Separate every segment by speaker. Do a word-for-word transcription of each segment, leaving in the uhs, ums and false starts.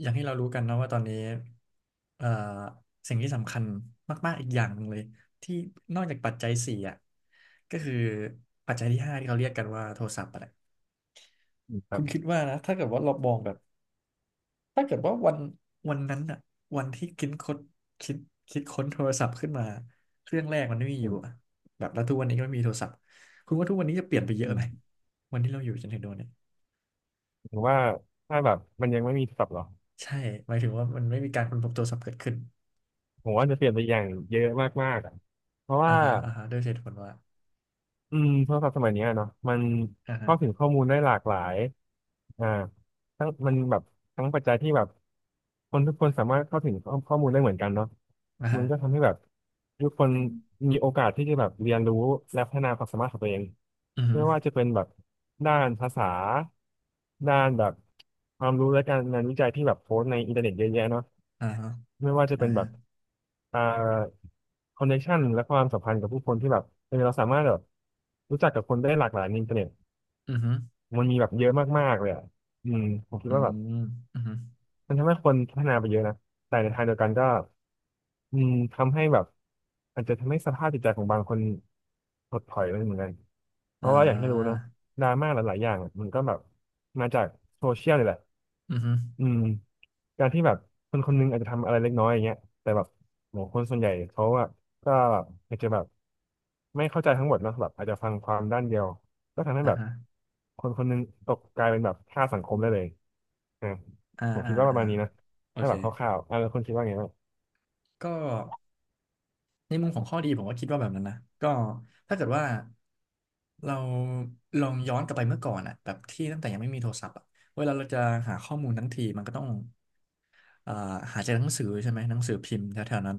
Speaker 1: อย่างที่เรารู้กันนะว่าตอนนี้เอ่อสิ่งที่สำคัญมากๆอีกอย่างหนึ่งเลยที่นอกจากปัจจัยสี่อ่ะก็คือปัจจัยที่ห้าที่เขาเรียกกันว่าโทรศัพท์อะไร
Speaker 2: อืมครั
Speaker 1: คุ
Speaker 2: บ
Speaker 1: ณคิดว่านะถ้าเกิดว่าเรามองแบบถ้าเกิดว่าวันวันนั้นอ่ะวันที่คิดค้นคิดคิดค้นโทรศัพท์ขึ้นมาเครื่องแรกมันไม่มีอ
Speaker 2: อื
Speaker 1: ยู่
Speaker 2: ม
Speaker 1: อะแบบแล้วทุกวันนี้ก็ไม่มีโทรศัพท์คุณว่าทุกวันนี้จะเปลี่ยนไปเย
Speaker 2: อื
Speaker 1: อะไห
Speaker 2: ม
Speaker 1: มวันที่เราอยู่จนถึงโดนเนี่ย
Speaker 2: ผมว่าถ้าแบบมันยังไม่มีศัพท์หรอ
Speaker 1: ใช่หมายถึงว่ามันไม่มีการค้นพบโทรศัพท์เกิดขึ้น
Speaker 2: ผมว่าจะเปลี่ยนไปอย่างเยอะมากๆอะเพราะ
Speaker 1: อ่า
Speaker 2: ว่า
Speaker 1: ฮะอ่าฮะด้วยเหตุผลว่า
Speaker 2: อืมโทรศัพท์สมัยเนี้ยเนาะมันเข้าถึ
Speaker 1: อ่า
Speaker 2: งข้อมูลได้หลากหลายอ่าทั้งมันแบบทั้งปัจจัยที่แบบคนทุกคนสามารถเข้าถึงข้อข้อมูลได้เหมือนกันเนาะ
Speaker 1: อ่า
Speaker 2: มั
Speaker 1: ฮะ
Speaker 2: นก็ทำให้แบบทุกคนมีโอกาสที่จะแบบเรียนรู้และพัฒนาความสามารถของตัวเอง
Speaker 1: อือฮึ
Speaker 2: ไม่ว่าจะเป็นแบบด้านภาษาด้านแบบความรู้และการงานวิจัยที่แบบโพสต์ในอินเทอร์เน็ตเยอะแยะเนาะ
Speaker 1: อ่าฮะ
Speaker 2: ไม่ว่าจะ
Speaker 1: อ่า
Speaker 2: เป็นแบ
Speaker 1: ฮะ
Speaker 2: บอ่าคอนเนคชันและความสัมพันธ์กับผู้คนที่แบบเออเราสามารถแบบรู้จักกับคนได้หลากหลายในอินเทอร์เน็ต
Speaker 1: อือฮึ
Speaker 2: มันมีแบบเยอะมากๆเลยอ่ะอืมผมคิด
Speaker 1: อื
Speaker 2: ว่าแบบ
Speaker 1: มอือฮึ
Speaker 2: มันทำให้คนพัฒนาไปเยอะนะแต่ในทางเดียวกันก็อืมทำให้แบบอาจจะทำให้สภาพจิตใจของบางคนถดถอยไปเหมือนกันเพ
Speaker 1: อ่า
Speaker 2: ราะว่าอย่างที่รู้เนอะดราม่าหลายๆอย่างอะมันก็แบบมาจากโซเชียลนี่แหละ
Speaker 1: อือฮึ
Speaker 2: อืมการที่แบบคนคนหนึงอาจจะทำอะไรเล็กน้อยอย่างเงี้ยแต่แบบโหคนส่วนใหญ่เขาอะก็อาจจะแบบไม่เข้าใจทั้งหมดเนอะแบบอาจจะฟังความด้านเดียวก็ทำให้
Speaker 1: อ่า
Speaker 2: แบบ
Speaker 1: ฮะ
Speaker 2: คนคนหนึงตกกลายเป็นแบบค่าสังคมได้เลยอ่า
Speaker 1: อ่า
Speaker 2: ผม
Speaker 1: อ่า
Speaker 2: คิดว่าประ
Speaker 1: อ่า
Speaker 2: มาณนี้นะ
Speaker 1: โอ
Speaker 2: ถ้า
Speaker 1: เค
Speaker 2: แบบคร่าวๆอ่าแล้วคนคิดว่าไงบ้าง
Speaker 1: ก็ในมุมของข้อดีผมก็คิดว่าแบบนั้นนะก็ถ้าเกิดว่าเราลองย้อนกลับไปเมื่อก่อนอะแบบที่ตั้งแต่ยังไม่มีโทรศัพท์อะเวลาเราจะหาข้อมูลทั้งทีมันก็ต้องอ่าหาจากหนังสือใช่ไหมหนังสือพิมพ์แถวๆนั้น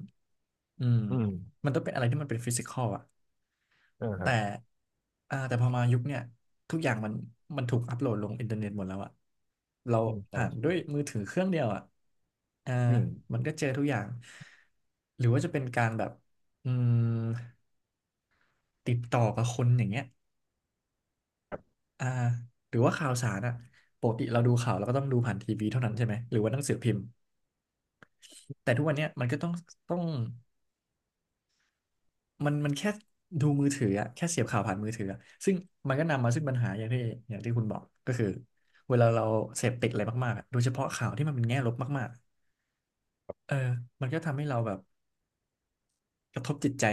Speaker 1: อืม
Speaker 2: อืม
Speaker 1: มันต้องเป็นอะไรที่มันเป็นฟิสิกอลอะ
Speaker 2: อ่าครั
Speaker 1: แต่
Speaker 2: บ
Speaker 1: อ่าแต่พอมายุคเนี่ยทุกอย่างมันมันถูกอัปโหลดลงอินเทอร์เน็ตหมดแล้วอะเรา
Speaker 2: อืมใช่
Speaker 1: ผ่านด้
Speaker 2: ใช่
Speaker 1: วยมือถือเครื่องเดียวอะอ่า
Speaker 2: อืม
Speaker 1: มันก็เจอทุกอย่างหรือว่าจะเป็นการแบบอืมติดต่อกับคนอย่างเงี้ยอ่าหรือว่าข่าวสารอะปกติเราดูข่าวเราก็ต้องดูผ่านทีวีเท่านั้นใช่ไหมหรือว่าหนังสือพิมพ์แต่ทุกวันเนี้ยมันก็ต้องต้อง มันมันแค่ดูมือถืออะแค่เสียบข่าวผ่านมือถืออะซึ่งมันก็นำมาซึ่งปัญหาอย่างที่อย่างที่คุณบอกก็คือเวลาเราเสพติดอะไรมากๆอะโดยเฉพาะข่าวที่มันเป็นแง่ลบมากๆเออมันก็ทำให้เราแบบกระทบจิตใจ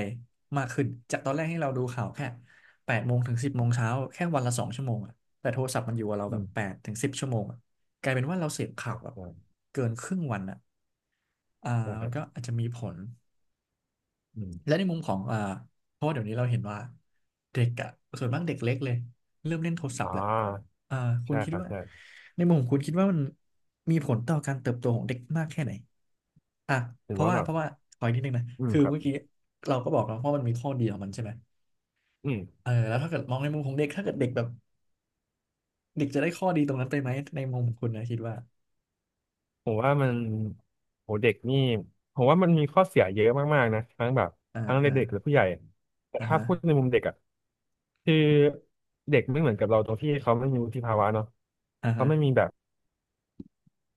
Speaker 1: มากขึ้นจากตอนแรกให้เราดูข่าวแค่แปดโมงถึงสิบโมงเช้าแค่วันละสองชั่วโมงอะแต่โทรศัพท์มันอยู่กับเรา
Speaker 2: อื
Speaker 1: แบบแป
Speaker 2: ม
Speaker 1: ดถึงสิบชั่วโมงอะกลายเป็นว่าเราเสพ
Speaker 2: ค
Speaker 1: ข่า
Speaker 2: รั
Speaker 1: ว
Speaker 2: บ
Speaker 1: แบบ
Speaker 2: ใช่
Speaker 1: เกินครึ่งวันอะอ่า
Speaker 2: ใช่ค
Speaker 1: มัน
Speaker 2: รับ
Speaker 1: ก็อาจจะมีผล
Speaker 2: อืม
Speaker 1: และในมุมของอ่าเพราะว่าเดี๋ยวนี้เราเห็นว่าเด็กอะส่วนมากเด็กเล็กเลยเริ่มเล่นโทรศัพ
Speaker 2: อ่
Speaker 1: ท์แหละ
Speaker 2: า
Speaker 1: อ่าคุณ
Speaker 2: ใช่
Speaker 1: คิ
Speaker 2: ค
Speaker 1: ด
Speaker 2: รับ
Speaker 1: ว่า
Speaker 2: ใช่
Speaker 1: ในมุมของคุณคิดว่ามันมีผลต่อการเติบโตของเด็กมากแค่ไหนอ่ะ
Speaker 2: ถื
Speaker 1: เพ
Speaker 2: อ
Speaker 1: ราะ
Speaker 2: ว่า
Speaker 1: ว่า
Speaker 2: แบ
Speaker 1: เพ
Speaker 2: บ
Speaker 1: ราะว่าขออีกนิดนึงนะ
Speaker 2: อืม
Speaker 1: คือ
Speaker 2: ครับ
Speaker 1: เมื่อกี้เราก็บอกแล้วว่ามันมีข้อดีของมันใช่ไหม
Speaker 2: อืม
Speaker 1: เออแล้วถ้าเกิดมองในมุมของเด็กถ้าเกิดเด็กแบบเด็กจะได้ข้อดีตรงนั้นไปไหมในมุมของคุณนะคิดว่า
Speaker 2: ผมว่ามันโหเด็กนี่ผมว่ามันมีข้อเสียเยอะมากๆนะทั้งแบบ
Speaker 1: อ่า
Speaker 2: ทั้งใน
Speaker 1: อ่า
Speaker 2: เด็กและผู้ใหญ่แต่
Speaker 1: อ่า
Speaker 2: ถ้า
Speaker 1: ฮะ
Speaker 2: พูดในมุมเด็กอ่ะคือเด็กไม่เหมือนกับเราตรงที่เขาไม่มีวุฒิภาวะเนาะ
Speaker 1: อ่า
Speaker 2: เขา
Speaker 1: ฮะ
Speaker 2: ไม่มีแบบ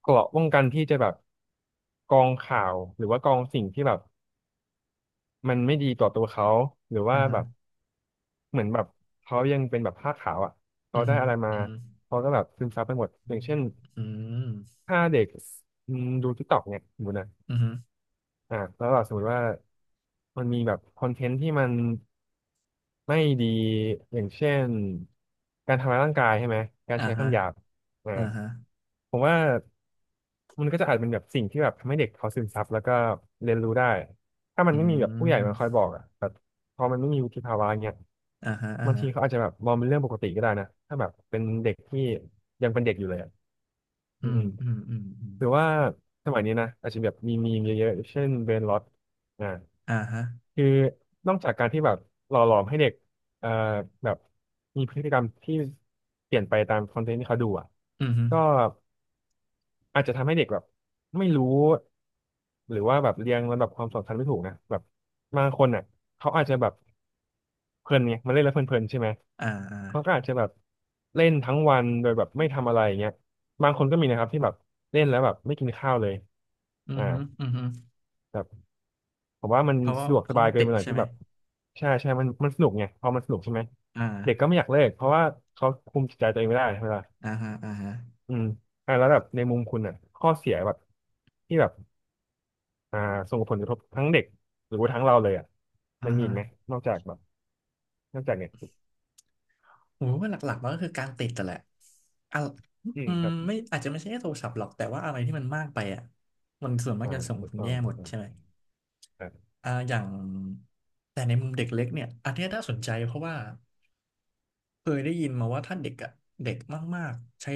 Speaker 2: เกราะป้องกันที่จะแบบกรองข่าวหรือว่ากรองสิ่งที่แบบมันไม่ดีต่อตัวเขาหรือว่า
Speaker 1: อ่า
Speaker 2: แบ
Speaker 1: ฮะ
Speaker 2: บเหมือนแบบเขายังเป็นแบบผ้าขาวอ่ะ
Speaker 1: อื
Speaker 2: เขาได้
Speaker 1: ม
Speaker 2: อะไรมา
Speaker 1: อืม
Speaker 2: เขาก็แบบซึมซับไปหมด
Speaker 1: อื
Speaker 2: อย่าง
Speaker 1: ม
Speaker 2: เช่น
Speaker 1: อืม
Speaker 2: ถ้าเด็กอืมดูทิกตอกเนี่ยสมมตินะ
Speaker 1: อืม
Speaker 2: อ่าแล้วแบบสมมติว่ามันมีแบบคอนเทนต์ที่มันไม่ดีอย่างเช่นการทำร้ายร่างกายใช่ไหมการ
Speaker 1: อ่า
Speaker 2: ใช้
Speaker 1: ฮะ
Speaker 2: คำหยาบอ่า
Speaker 1: อ่าฮะ
Speaker 2: ผมว่ามันก็จะอาจเป็นแบบสิ่งที่แบบทำให้เด็กเขาซึมซับแล้วก็เรียนรู้ได้ถ้ามั
Speaker 1: อื
Speaker 2: นไม่มีแบบผู้ใหญ่มาคอย
Speaker 1: ม
Speaker 2: บอกอ่ะแบบพอมันไม่มีวุฒิภาวะเงี้ย
Speaker 1: อ่าฮะอ่า
Speaker 2: บาง
Speaker 1: ฮะ
Speaker 2: ทีเขาอาจจะแบบมองเป็นเรื่องปกติก็ได้นะถ้าแบบเป็นเด็กที่ยังเป็นเด็กอยู่เลยอ่ะ
Speaker 1: อื
Speaker 2: อืม
Speaker 1: มอืมอืมอืม
Speaker 2: หรือว่าสมัยนี้นะอาจจะแบบมีมีมเยอะๆเช่นเบรนล็อตอ่า
Speaker 1: อ่าฮะ
Speaker 2: คือนอกจากการที่แบบหล่อหลอมให้เด็กเอ่อแบบมีพฤติกรรมที่เปลี่ยนไปตามคอนเทนต์ที่เขาดูอ่ะ
Speaker 1: อืมฮึ
Speaker 2: ก็อาจจะทำให้เด็กแบบไม่รู้หรือว่าแบบเรียงลำดับความสำคัญไม่ถูกนะแบบบางคนอ่ะเขาอาจจะแบบเพลินไงมันเล่นแล้วเพลินๆใช่ไหม
Speaker 1: อ่าอ่า
Speaker 2: เขาก็อาจจะแบบเล่นทั้งวันโดยแบบไม่ทำอะไรอย่างเงี้ยบางคนก็มีนะครับที่แบบเล่นแล้วแบบไม่กินข้าวเลย
Speaker 1: อืม
Speaker 2: อ่า
Speaker 1: ฮึอืมฮึ
Speaker 2: แบบผมว่ามัน
Speaker 1: เพราะว่า
Speaker 2: สะดวกส
Speaker 1: เขา
Speaker 2: บาย
Speaker 1: ต้อง
Speaker 2: เกิ
Speaker 1: ติ
Speaker 2: นไป
Speaker 1: ด
Speaker 2: หน่อย
Speaker 1: ใช่
Speaker 2: ที่
Speaker 1: ไหม
Speaker 2: แบบใช่ใช่มันมันสนุกไงพอมันสนุกใช่ไหม
Speaker 1: อ่า
Speaker 2: เด็กก็ไม่อยากเลิกเพราะว่าเขาคุมจิตใจตัวเองไม่ได้ใช่ไหมล่ะ
Speaker 1: อ่าฮะอ่าฮะ
Speaker 2: อืมอ่าแล้วแบบในมุมคุณอ่ะข้อเสียแบบที่แบบอ่าส่งผลกระทบทั้งเด็กหรือว่าทั้งเราเลยอ่ะ
Speaker 1: อ่า
Speaker 2: มันมี
Speaker 1: ฮะ
Speaker 2: อีกไหมนอกจากแบบนอกจากเนี่ย
Speaker 1: โหว่าหลักๆมันก็คือการติดแต่นแหละอ่ะ
Speaker 2: อื
Speaker 1: อื
Speaker 2: ม
Speaker 1: ม
Speaker 2: ครับ
Speaker 1: ไม่อาจจะไม่ใช่แค่โทรศัพท์หรอกแต่ว่าอะไรที่มันมากไปอ่ะมันส่วนมาก
Speaker 2: อ่า
Speaker 1: จะส่ง
Speaker 2: ถู
Speaker 1: ผ
Speaker 2: ก
Speaker 1: ล
Speaker 2: ต้อง
Speaker 1: แย่ห
Speaker 2: ถู
Speaker 1: ม
Speaker 2: ก
Speaker 1: ด
Speaker 2: ต้อง
Speaker 1: ใช่ไหม
Speaker 2: ครับ
Speaker 1: อ่าอย่างแต่ในมุมเด็กเล็กเนี่ยอันเนี้ยน่าสนใจเพราะว่า เคยได้ยินมาว่าถ้าเด็กอะเด็กมากๆใช้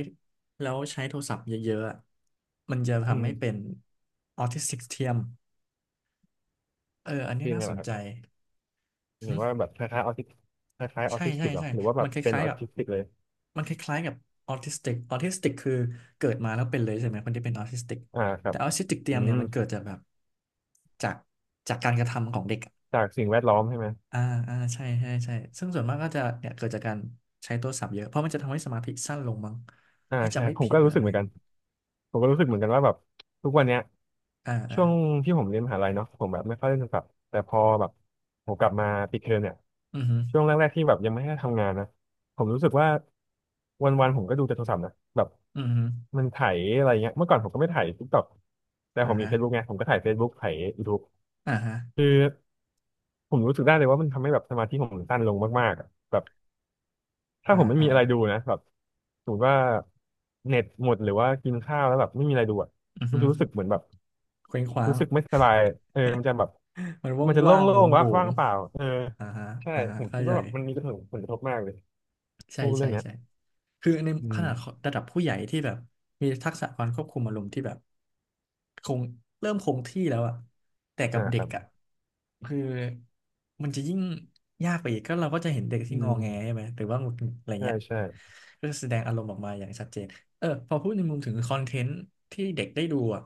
Speaker 1: แล้วใช้โทรศัพท์เยอะๆอะมันจะ
Speaker 2: อื
Speaker 1: ทำให้เป็น
Speaker 2: ม
Speaker 1: ออทิสติกเทียมเอออันนี้
Speaker 2: เป็น
Speaker 1: น่า
Speaker 2: ไง
Speaker 1: สน
Speaker 2: ล่ะครั
Speaker 1: ใจ
Speaker 2: บหรื
Speaker 1: หึ
Speaker 2: อว่าแบบคล้ายๆออทิสคล้ายๆออ
Speaker 1: ใช่
Speaker 2: ทิส
Speaker 1: ใช่
Speaker 2: ติกเหรอ
Speaker 1: ใช่
Speaker 2: หรือว่าแบ
Speaker 1: มั
Speaker 2: บ
Speaker 1: นค
Speaker 2: เป็น
Speaker 1: ล้าย
Speaker 2: อ
Speaker 1: ๆ
Speaker 2: อ
Speaker 1: กับ
Speaker 2: ทิสติกเลย
Speaker 1: มันคล้ายๆกับออทิสติกออทิสติกคือเกิดมาแล้วเป็นเลยใช่ไหมคนทจ่เป็นออทิสติก
Speaker 2: อ่าครั
Speaker 1: แต่
Speaker 2: บ
Speaker 1: ออทิสติกเที
Speaker 2: อื
Speaker 1: ยมเนี่
Speaker 2: ม
Speaker 1: ยมันเกิดจากแบบจากจากการกระทำของเด็กอะ
Speaker 2: จากสิ่งแวดล้อมใช่ไหม
Speaker 1: อ่าอ่าใช่ใช่ใช่ซึ่งส่วนมากก็จะเนี่ยเกิดจากการใช้โทรศัพท์เยอะเพราะมันจะทำให้สมาธิสั้นลงมั้ง
Speaker 2: อ่า
Speaker 1: ถ้า
Speaker 2: ใช่
Speaker 1: จำไม่
Speaker 2: ผม
Speaker 1: ผิด
Speaker 2: ก็
Speaker 1: นะ
Speaker 2: รู้
Speaker 1: อะ
Speaker 2: สึก
Speaker 1: ไร
Speaker 2: เหมือนกันผมก็รู้สึกเหมือนกันว่าแบบทุกวันเนี้ย
Speaker 1: อ่าอ่า
Speaker 2: ช่วงที่ผมเรียนมหาลัยเนาะผมแบบไม่ค่อยเล่นโทรศัพท์แต่พอแบบผมกลับมาปิดเทอมเนี่ย
Speaker 1: อือฮึ
Speaker 2: ช่วงแรกๆที่แบบยังไม่ได้ทำงานนะผมรู้สึกว่าวันๆผมก็ดูแต่โทรศัพท์นะแบบ
Speaker 1: อือฮึ
Speaker 2: มันไถอะไรเงี้ยเมื่อก่อนผมก็ไม่ไถทิกตอกแต่
Speaker 1: อ่า
Speaker 2: ผมมี
Speaker 1: ฮะ
Speaker 2: Facebook ไงผมก็ไถ่าย Facebook ไถ่าย YouTube
Speaker 1: อ่าฮะ
Speaker 2: คือผมรู้สึกได้เลยว่ามันทำให้แบบสมาธิผมสั้นลงมากๆอะแบบ ถ้า
Speaker 1: อ่า
Speaker 2: ผมไม่
Speaker 1: อ่า
Speaker 2: มีอะไรดูนะแบบสมมติว่าเน็ตหมดหรือว่ากินข้าวแล้วแบบไม่มีอะไรดูอ่ะ
Speaker 1: อือ
Speaker 2: มัน
Speaker 1: ฮึ
Speaker 2: จะรู้สึกเหมือนแบบ
Speaker 1: เคว้งคว้า
Speaker 2: รู้
Speaker 1: ง
Speaker 2: สึกไม่สบายเออมันจะแบบ
Speaker 1: มันว่า
Speaker 2: มั
Speaker 1: ง
Speaker 2: นจะ
Speaker 1: ว่าง
Speaker 2: โล่
Speaker 1: โหว
Speaker 2: ง
Speaker 1: ง
Speaker 2: ๆ
Speaker 1: โห
Speaker 2: ว่า
Speaker 1: ว
Speaker 2: งว่า
Speaker 1: ง
Speaker 2: งเปล่าเออ
Speaker 1: อ่าฮะ
Speaker 2: ใช่
Speaker 1: อ่าฮะ
Speaker 2: ผม
Speaker 1: เข้า
Speaker 2: คิด
Speaker 1: ใจ
Speaker 2: ว่าแบบมันมีกระทบผลกระทบมากเลย
Speaker 1: ใช่
Speaker 2: พูดเรื่
Speaker 1: ใช่
Speaker 2: องเนี้ย
Speaker 1: ใช่คือใน
Speaker 2: อื
Speaker 1: ข
Speaker 2: ม
Speaker 1: นาดระดับผู้ใหญ่ที่แบบมีทักษะการควบคุมอารมณ์ที่แบบคงเริ่มคงที่แล้วอะแต่กั
Speaker 2: อ่า
Speaker 1: บเด็
Speaker 2: ค
Speaker 1: ก
Speaker 2: รับ
Speaker 1: อะคือมันจะยิ่งยากไปอีก ก็เราก็จะเห็นเด็ก
Speaker 2: อื
Speaker 1: ที่งอ
Speaker 2: ม
Speaker 1: แงใช่ไหม หรือว่าหงุดหงิดอะไร
Speaker 2: ใช่
Speaker 1: เงี้ย
Speaker 2: ใช่
Speaker 1: ก็จะแสดงอารมณ์ออกมาอย่างชัดเจนเออพอพูดในมุมถึงคอนเทนต์ที่เด็กได้ดูอะ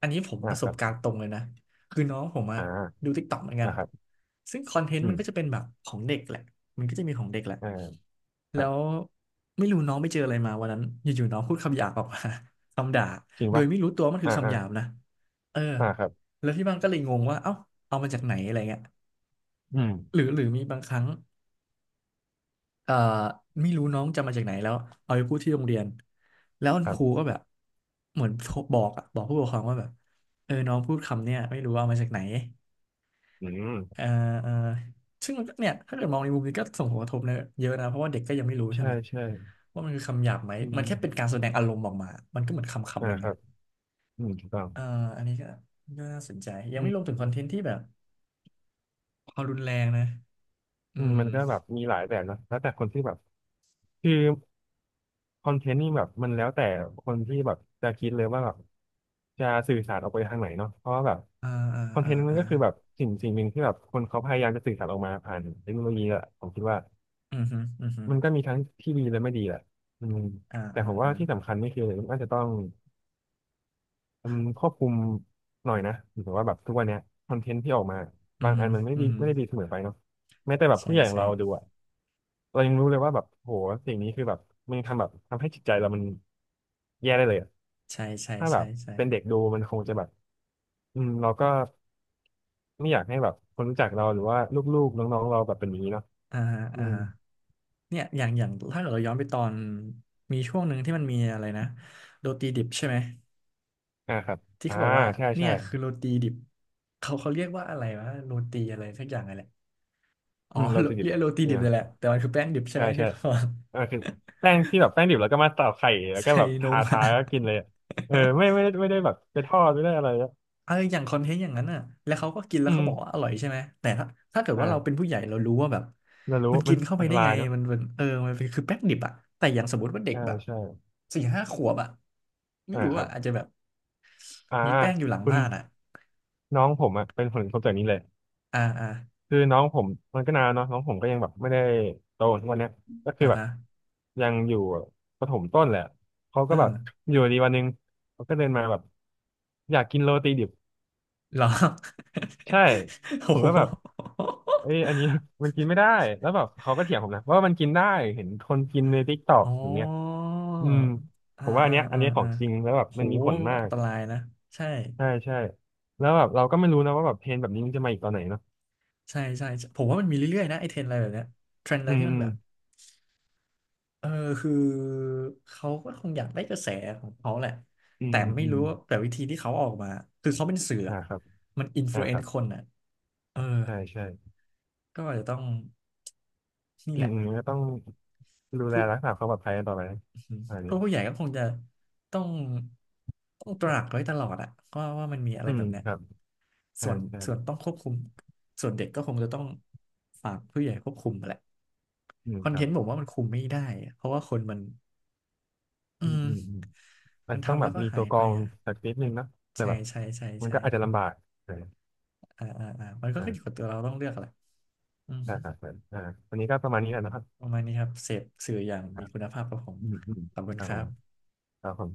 Speaker 1: อันนี้ผม
Speaker 2: อ่า
Speaker 1: ประส
Speaker 2: ค
Speaker 1: บ
Speaker 2: รั
Speaker 1: การ
Speaker 2: บ
Speaker 1: ณ์ตรงเลยนะคือน้องผม
Speaker 2: อ
Speaker 1: อะดู
Speaker 2: ่า
Speaker 1: t ิกต็อกเหมือนกัน
Speaker 2: อ่าครับ
Speaker 1: ซึ่งคอนเทนต์
Speaker 2: อื
Speaker 1: มั
Speaker 2: ม
Speaker 1: นก็จะเป็นแบบของเด็กแหละมันก็จะมีของเด็กแหละ
Speaker 2: อ่าค
Speaker 1: แล้
Speaker 2: รับ
Speaker 1: วไม่รู้น้องไปเจออะไรมาวันนั้นอยู่ๆน้องพูดคำหยาบออกมา คำด่า
Speaker 2: จริง
Speaker 1: โดย
Speaker 2: ปะ
Speaker 1: ไม่รู้ตัวว่ามันคื
Speaker 2: อ่า
Speaker 1: อคำ
Speaker 2: อ่า
Speaker 1: หยาบนะเออ
Speaker 2: อ่าครับ
Speaker 1: แล้วที่บ้านก็เลยงงว่าเอ้าเอามาจากไหนอะไรเงี้ย
Speaker 2: อืม
Speaker 1: หรือหรือมีบางครั้งเอ่อไม่รู้น้องจำมาจากไหนแล้วเอาไปพูดที่โรงเรียนแล้วคุณ
Speaker 2: ครั
Speaker 1: ครู
Speaker 2: บ
Speaker 1: ก็แบบเหมือนโทรบอกอะบอกผู้ปกครองว่าแบบเออน้องพูดคำเนี่ยไม่รู้ว่าเอามาจากไหน
Speaker 2: อืม
Speaker 1: เอ่อเอ่อซึ่งมันก็เนี่ยถ้าเกิดมองในมุมนี้ก็ส่งผลกระทบเนอะเยอะนะ เพราะว่าเด็กก็ยังไม่รู้ใช่
Speaker 2: ใช่
Speaker 1: ไหม
Speaker 2: ใช่
Speaker 1: ว่ามันคือคำหยาบไหม
Speaker 2: อื
Speaker 1: มัน
Speaker 2: ม
Speaker 1: แค่เป็นการแสดงอารมณ์ออกมามันก็เหมือนคำ
Speaker 2: อ่า
Speaker 1: คำหนึ่ง
Speaker 2: ครั
Speaker 1: อ่ะ
Speaker 2: บอืมถูกต้อง
Speaker 1: เอ่ออันนี้ก็ก็น่าสนใจ ยังไม่รวมถึงคอนเทนต์ที่แบบความรุนแรงนะอื
Speaker 2: อืม
Speaker 1: ม
Speaker 2: มันก็แบบมีหลายแบบนะแล้วแต่คนที่แบบคือคอนเทนต์นี่แบบมันแล้วแต่คนที่แบบจะคิดเลยว่าแบบจะสื่อสารออกไปทางไหนเนาะเพราะว่าแบบ
Speaker 1: อ่า
Speaker 2: คอน
Speaker 1: อ่า
Speaker 2: เท
Speaker 1: อ่า
Speaker 2: นต์มัน
Speaker 1: อ่า
Speaker 2: ก็คือแบบสิ่งสิ่งหนึ่งที่แบบคนเขาพยายามจะสื่อสารออกมาผ่านเทคโนโลยีอะผมคิดว่า
Speaker 1: อืมฮึอืมฮึ
Speaker 2: มันก็มีทั้งที่ดีและไม่ดีแหละอืม
Speaker 1: อ่า
Speaker 2: แต่
Speaker 1: อ่า
Speaker 2: ผมว่า
Speaker 1: อ่า
Speaker 2: ที่สำคัญนี่คือมันอาจจะต้องอืมควบคุมหน่อยนะหรือว่าแบบทุกวันเนี้ยคอนเทนต์ที่ออกมา
Speaker 1: อืม
Speaker 2: บาง
Speaker 1: ฮึ
Speaker 2: อันมันไม่
Speaker 1: อื
Speaker 2: ดี
Speaker 1: มฮึ
Speaker 2: ไม่ได้ดีเสมอไปเนาะแม้แต่แบบ
Speaker 1: ใช่
Speaker 2: ผู้ใหญ่อย่าง
Speaker 1: ใช่
Speaker 2: เราดูอะ เรายังรู้เลยว่าแบบโหสิ่งนี้คือแบบมันทำแบบทำให้จิตใจเรามันแย่ได้เลยอะ
Speaker 1: ใช่ใช่
Speaker 2: ถ้าแบ
Speaker 1: ใช่
Speaker 2: บ
Speaker 1: ใช่
Speaker 2: เป็นเด็กดูมันคงจะแบบอืมเราก็ไม่อยากให้แบบคนรู้จักเราหรือว่าลูกๆน้องๆเราแบบเป็นอย่างนี้เนาะ
Speaker 1: อ่าฮะ
Speaker 2: อื
Speaker 1: อ่า
Speaker 2: ม
Speaker 1: ฮะเนี่ยอย่างอย่างถ้าเกิดเราย้อนไปตอนมีช่วงหนึ่งที่มันมีอะไรนะโดตีดิบใช่ไหม
Speaker 2: อ่าครับ
Speaker 1: ที่
Speaker 2: อ่า
Speaker 1: เขาบอกว่า
Speaker 2: ใช่
Speaker 1: เนี่
Speaker 2: ใช่
Speaker 1: ยคือโรตีดิบเขาเขาเรียกว่าอะไรวะโรตีอะไรสักอย่างอะไรแหละอ๋อ
Speaker 2: อืมเรา
Speaker 1: โร
Speaker 2: ติดดิ
Speaker 1: เรี
Speaker 2: บ
Speaker 1: ย
Speaker 2: เ
Speaker 1: กโรตีดิ
Speaker 2: นี่
Speaker 1: บ
Speaker 2: ย
Speaker 1: เลยแหละแต่มันคือแป้งดิบใช่
Speaker 2: ใช่
Speaker 1: ไหมที่
Speaker 2: ใช่
Speaker 1: เขาบอก
Speaker 2: อ่าคือแป้งที่แบบแป้งดิบแล้วก็มาตอกไข่ แล้วก็
Speaker 1: ใส่
Speaker 2: แบบ
Speaker 1: น
Speaker 2: ทา
Speaker 1: มอะ
Speaker 2: ทา ก็กินเลยอะเออไม่ไม่ได้ไม่ได้แบบไปทอดไม่ได้อะไรอะ
Speaker 1: เอออย่างคอนเทนต์อย่างนั้นน่ะแล้วเขาก็กินแล้
Speaker 2: อื
Speaker 1: วเขาบอกว่า
Speaker 2: ม
Speaker 1: อร่อยใช่ไหมแต่ถ้าถ้าเกิดว่าเราเป็น
Speaker 2: อ่า
Speaker 1: ผู้ใหญ่เรารู้ว่าแบบ
Speaker 2: เรา
Speaker 1: มั
Speaker 2: รู้
Speaker 1: น
Speaker 2: มั
Speaker 1: กิ
Speaker 2: น
Speaker 1: นเข้าไป
Speaker 2: อันต
Speaker 1: ได้
Speaker 2: รา
Speaker 1: ไง
Speaker 2: ยเนาะ
Speaker 1: มันเป็นเออมันเป็นคือแป้งดิบอะแต่อย่างสมมติว่าเด็ก
Speaker 2: ใช่
Speaker 1: แบบ
Speaker 2: ใช่
Speaker 1: สี่ห้าขวบอะไม่
Speaker 2: อ่า
Speaker 1: รู้
Speaker 2: ครั
Speaker 1: อะ
Speaker 2: บ
Speaker 1: อาจจะแบบ
Speaker 2: อ่า
Speaker 1: มีแป้งอยู่หลัง
Speaker 2: คุณ
Speaker 1: บ้านอะ
Speaker 2: น้องผมอ่ะเป็นผลกระทบจากนี้เลย
Speaker 1: อ่าอ่า
Speaker 2: คือน้องผมมันก็นานแล้วเนาะน้องผมก็ยังแบบไม่ได้โตทุกวันเนี้ยก็คื
Speaker 1: อ่า
Speaker 2: อแบบ
Speaker 1: ฮะ
Speaker 2: ยังอยู่ประถมต้นแหละเขา
Speaker 1: เอ
Speaker 2: ก็แบ
Speaker 1: อ
Speaker 2: บอยู่ดีวันหนึงเขาก็เดินมาแบบอยากกินโรตีดิบ
Speaker 1: เหรอ
Speaker 2: ใช่ ผ
Speaker 1: โอ้
Speaker 2: ม
Speaker 1: โห
Speaker 2: ก็แบบเอ้ยอันนี้ มันกินไม่ได้แล้วแบบเขาก็เถียงผมนะว่ามันกินได้เห็นคนกินในทิกตอก
Speaker 1: อ๋อ
Speaker 2: อย่างเงี้ยอืม
Speaker 1: อ่า
Speaker 2: ผมว่าอัน
Speaker 1: อ่า
Speaker 2: เนี้ยอัน
Speaker 1: อ่า
Speaker 2: เนี้ยขอ
Speaker 1: อ่า
Speaker 2: งจริงแล้วแบบ
Speaker 1: โห
Speaker 2: มันมีผลมา
Speaker 1: อั
Speaker 2: ก
Speaker 1: นตรายนะใช่
Speaker 2: ใช่ใช่แล้วแบบเราก็ไม่รู้นะว่าแบบเพลงแบบนี้มันจะมาอีกตอนไหนเนาะ
Speaker 1: ใช่ใช่ใช่ผมว่ามันมีเรื่อยๆ นะไอเทรนด์อะไรแบบเนี้ยเทรนด์อะไร
Speaker 2: อืม
Speaker 1: ที่มั
Speaker 2: อื
Speaker 1: น
Speaker 2: ม
Speaker 1: แบบเออคือเขาก็คงอยากได้กระแสของเขาแหละ
Speaker 2: อื
Speaker 1: แต่
Speaker 2: ม
Speaker 1: ไม่
Speaker 2: อืม
Speaker 1: รู้ว่าแต่วิธีที่เขาออกมาคือเขาเป็นสื่อ
Speaker 2: อ่า
Speaker 1: อะ
Speaker 2: ครับ
Speaker 1: มันอิม l
Speaker 2: อ่า
Speaker 1: u e n เอ
Speaker 2: ครั
Speaker 1: น์
Speaker 2: บ
Speaker 1: คนอ่ะเออ
Speaker 2: ใช่ใช่
Speaker 1: ก็อาจจะต้องนี่
Speaker 2: อื
Speaker 1: แห
Speaker 2: ม
Speaker 1: ละ
Speaker 2: อืมก็ต้องดูแลรักษาความปลอดภัยต่อไป
Speaker 1: อืม
Speaker 2: อะไร
Speaker 1: พว
Speaker 2: นี้
Speaker 1: กผู้ใหญ่ก็คงจะต้องต้องตราักไว้ตลอดอะก็ว่าว่ามันมีอะไร
Speaker 2: อื
Speaker 1: แบ
Speaker 2: ม
Speaker 1: บเนี้ย
Speaker 2: ครับใช่
Speaker 1: ส่วน
Speaker 2: ใช่
Speaker 1: ส่วนต้องควบคุมส่วนเด็กก็คงจะต้องฝากผู้ใหญ่ควบคุมแหละ
Speaker 2: อืม
Speaker 1: คอ
Speaker 2: ค
Speaker 1: นเท
Speaker 2: รับ
Speaker 1: นต์ผมว่ามันคุมไม่ได้อะเพราะว่าคนมันอื
Speaker 2: อืม
Speaker 1: ม
Speaker 2: อืมอืมอาจ
Speaker 1: มัน
Speaker 2: จะต้อง
Speaker 1: ทำ
Speaker 2: แบ
Speaker 1: แล้
Speaker 2: บ
Speaker 1: วก็
Speaker 2: มีตั
Speaker 1: หา
Speaker 2: ว
Speaker 1: ย
Speaker 2: กร
Speaker 1: ไป
Speaker 2: อง
Speaker 1: อ่ะ
Speaker 2: สักนิดนึงเนอะแต่
Speaker 1: ใช่
Speaker 2: แบบ
Speaker 1: ใช่ใช่
Speaker 2: มัน
Speaker 1: ใช่
Speaker 2: ก็อาจจะลำบากเออ
Speaker 1: อ่าอ่าอ่ามันก็
Speaker 2: อ่า
Speaker 1: ขึ้นอยู่กับตัวเราต้องเลือกแหละอืม
Speaker 2: ได้
Speaker 1: ฮึ
Speaker 2: ครับเอออ่าวันนี้ก็ประมาณนี้แหละนะครับ
Speaker 1: ประมาณนี้ครับเสพสื่ออย่าง
Speaker 2: ค
Speaker 1: มี
Speaker 2: รับ
Speaker 1: คุณภาพครับผม
Speaker 2: อืมอืม
Speaker 1: ขอบคุณ
Speaker 2: ครั
Speaker 1: ค
Speaker 2: บผ
Speaker 1: รั
Speaker 2: ม
Speaker 1: บ
Speaker 2: ครับผม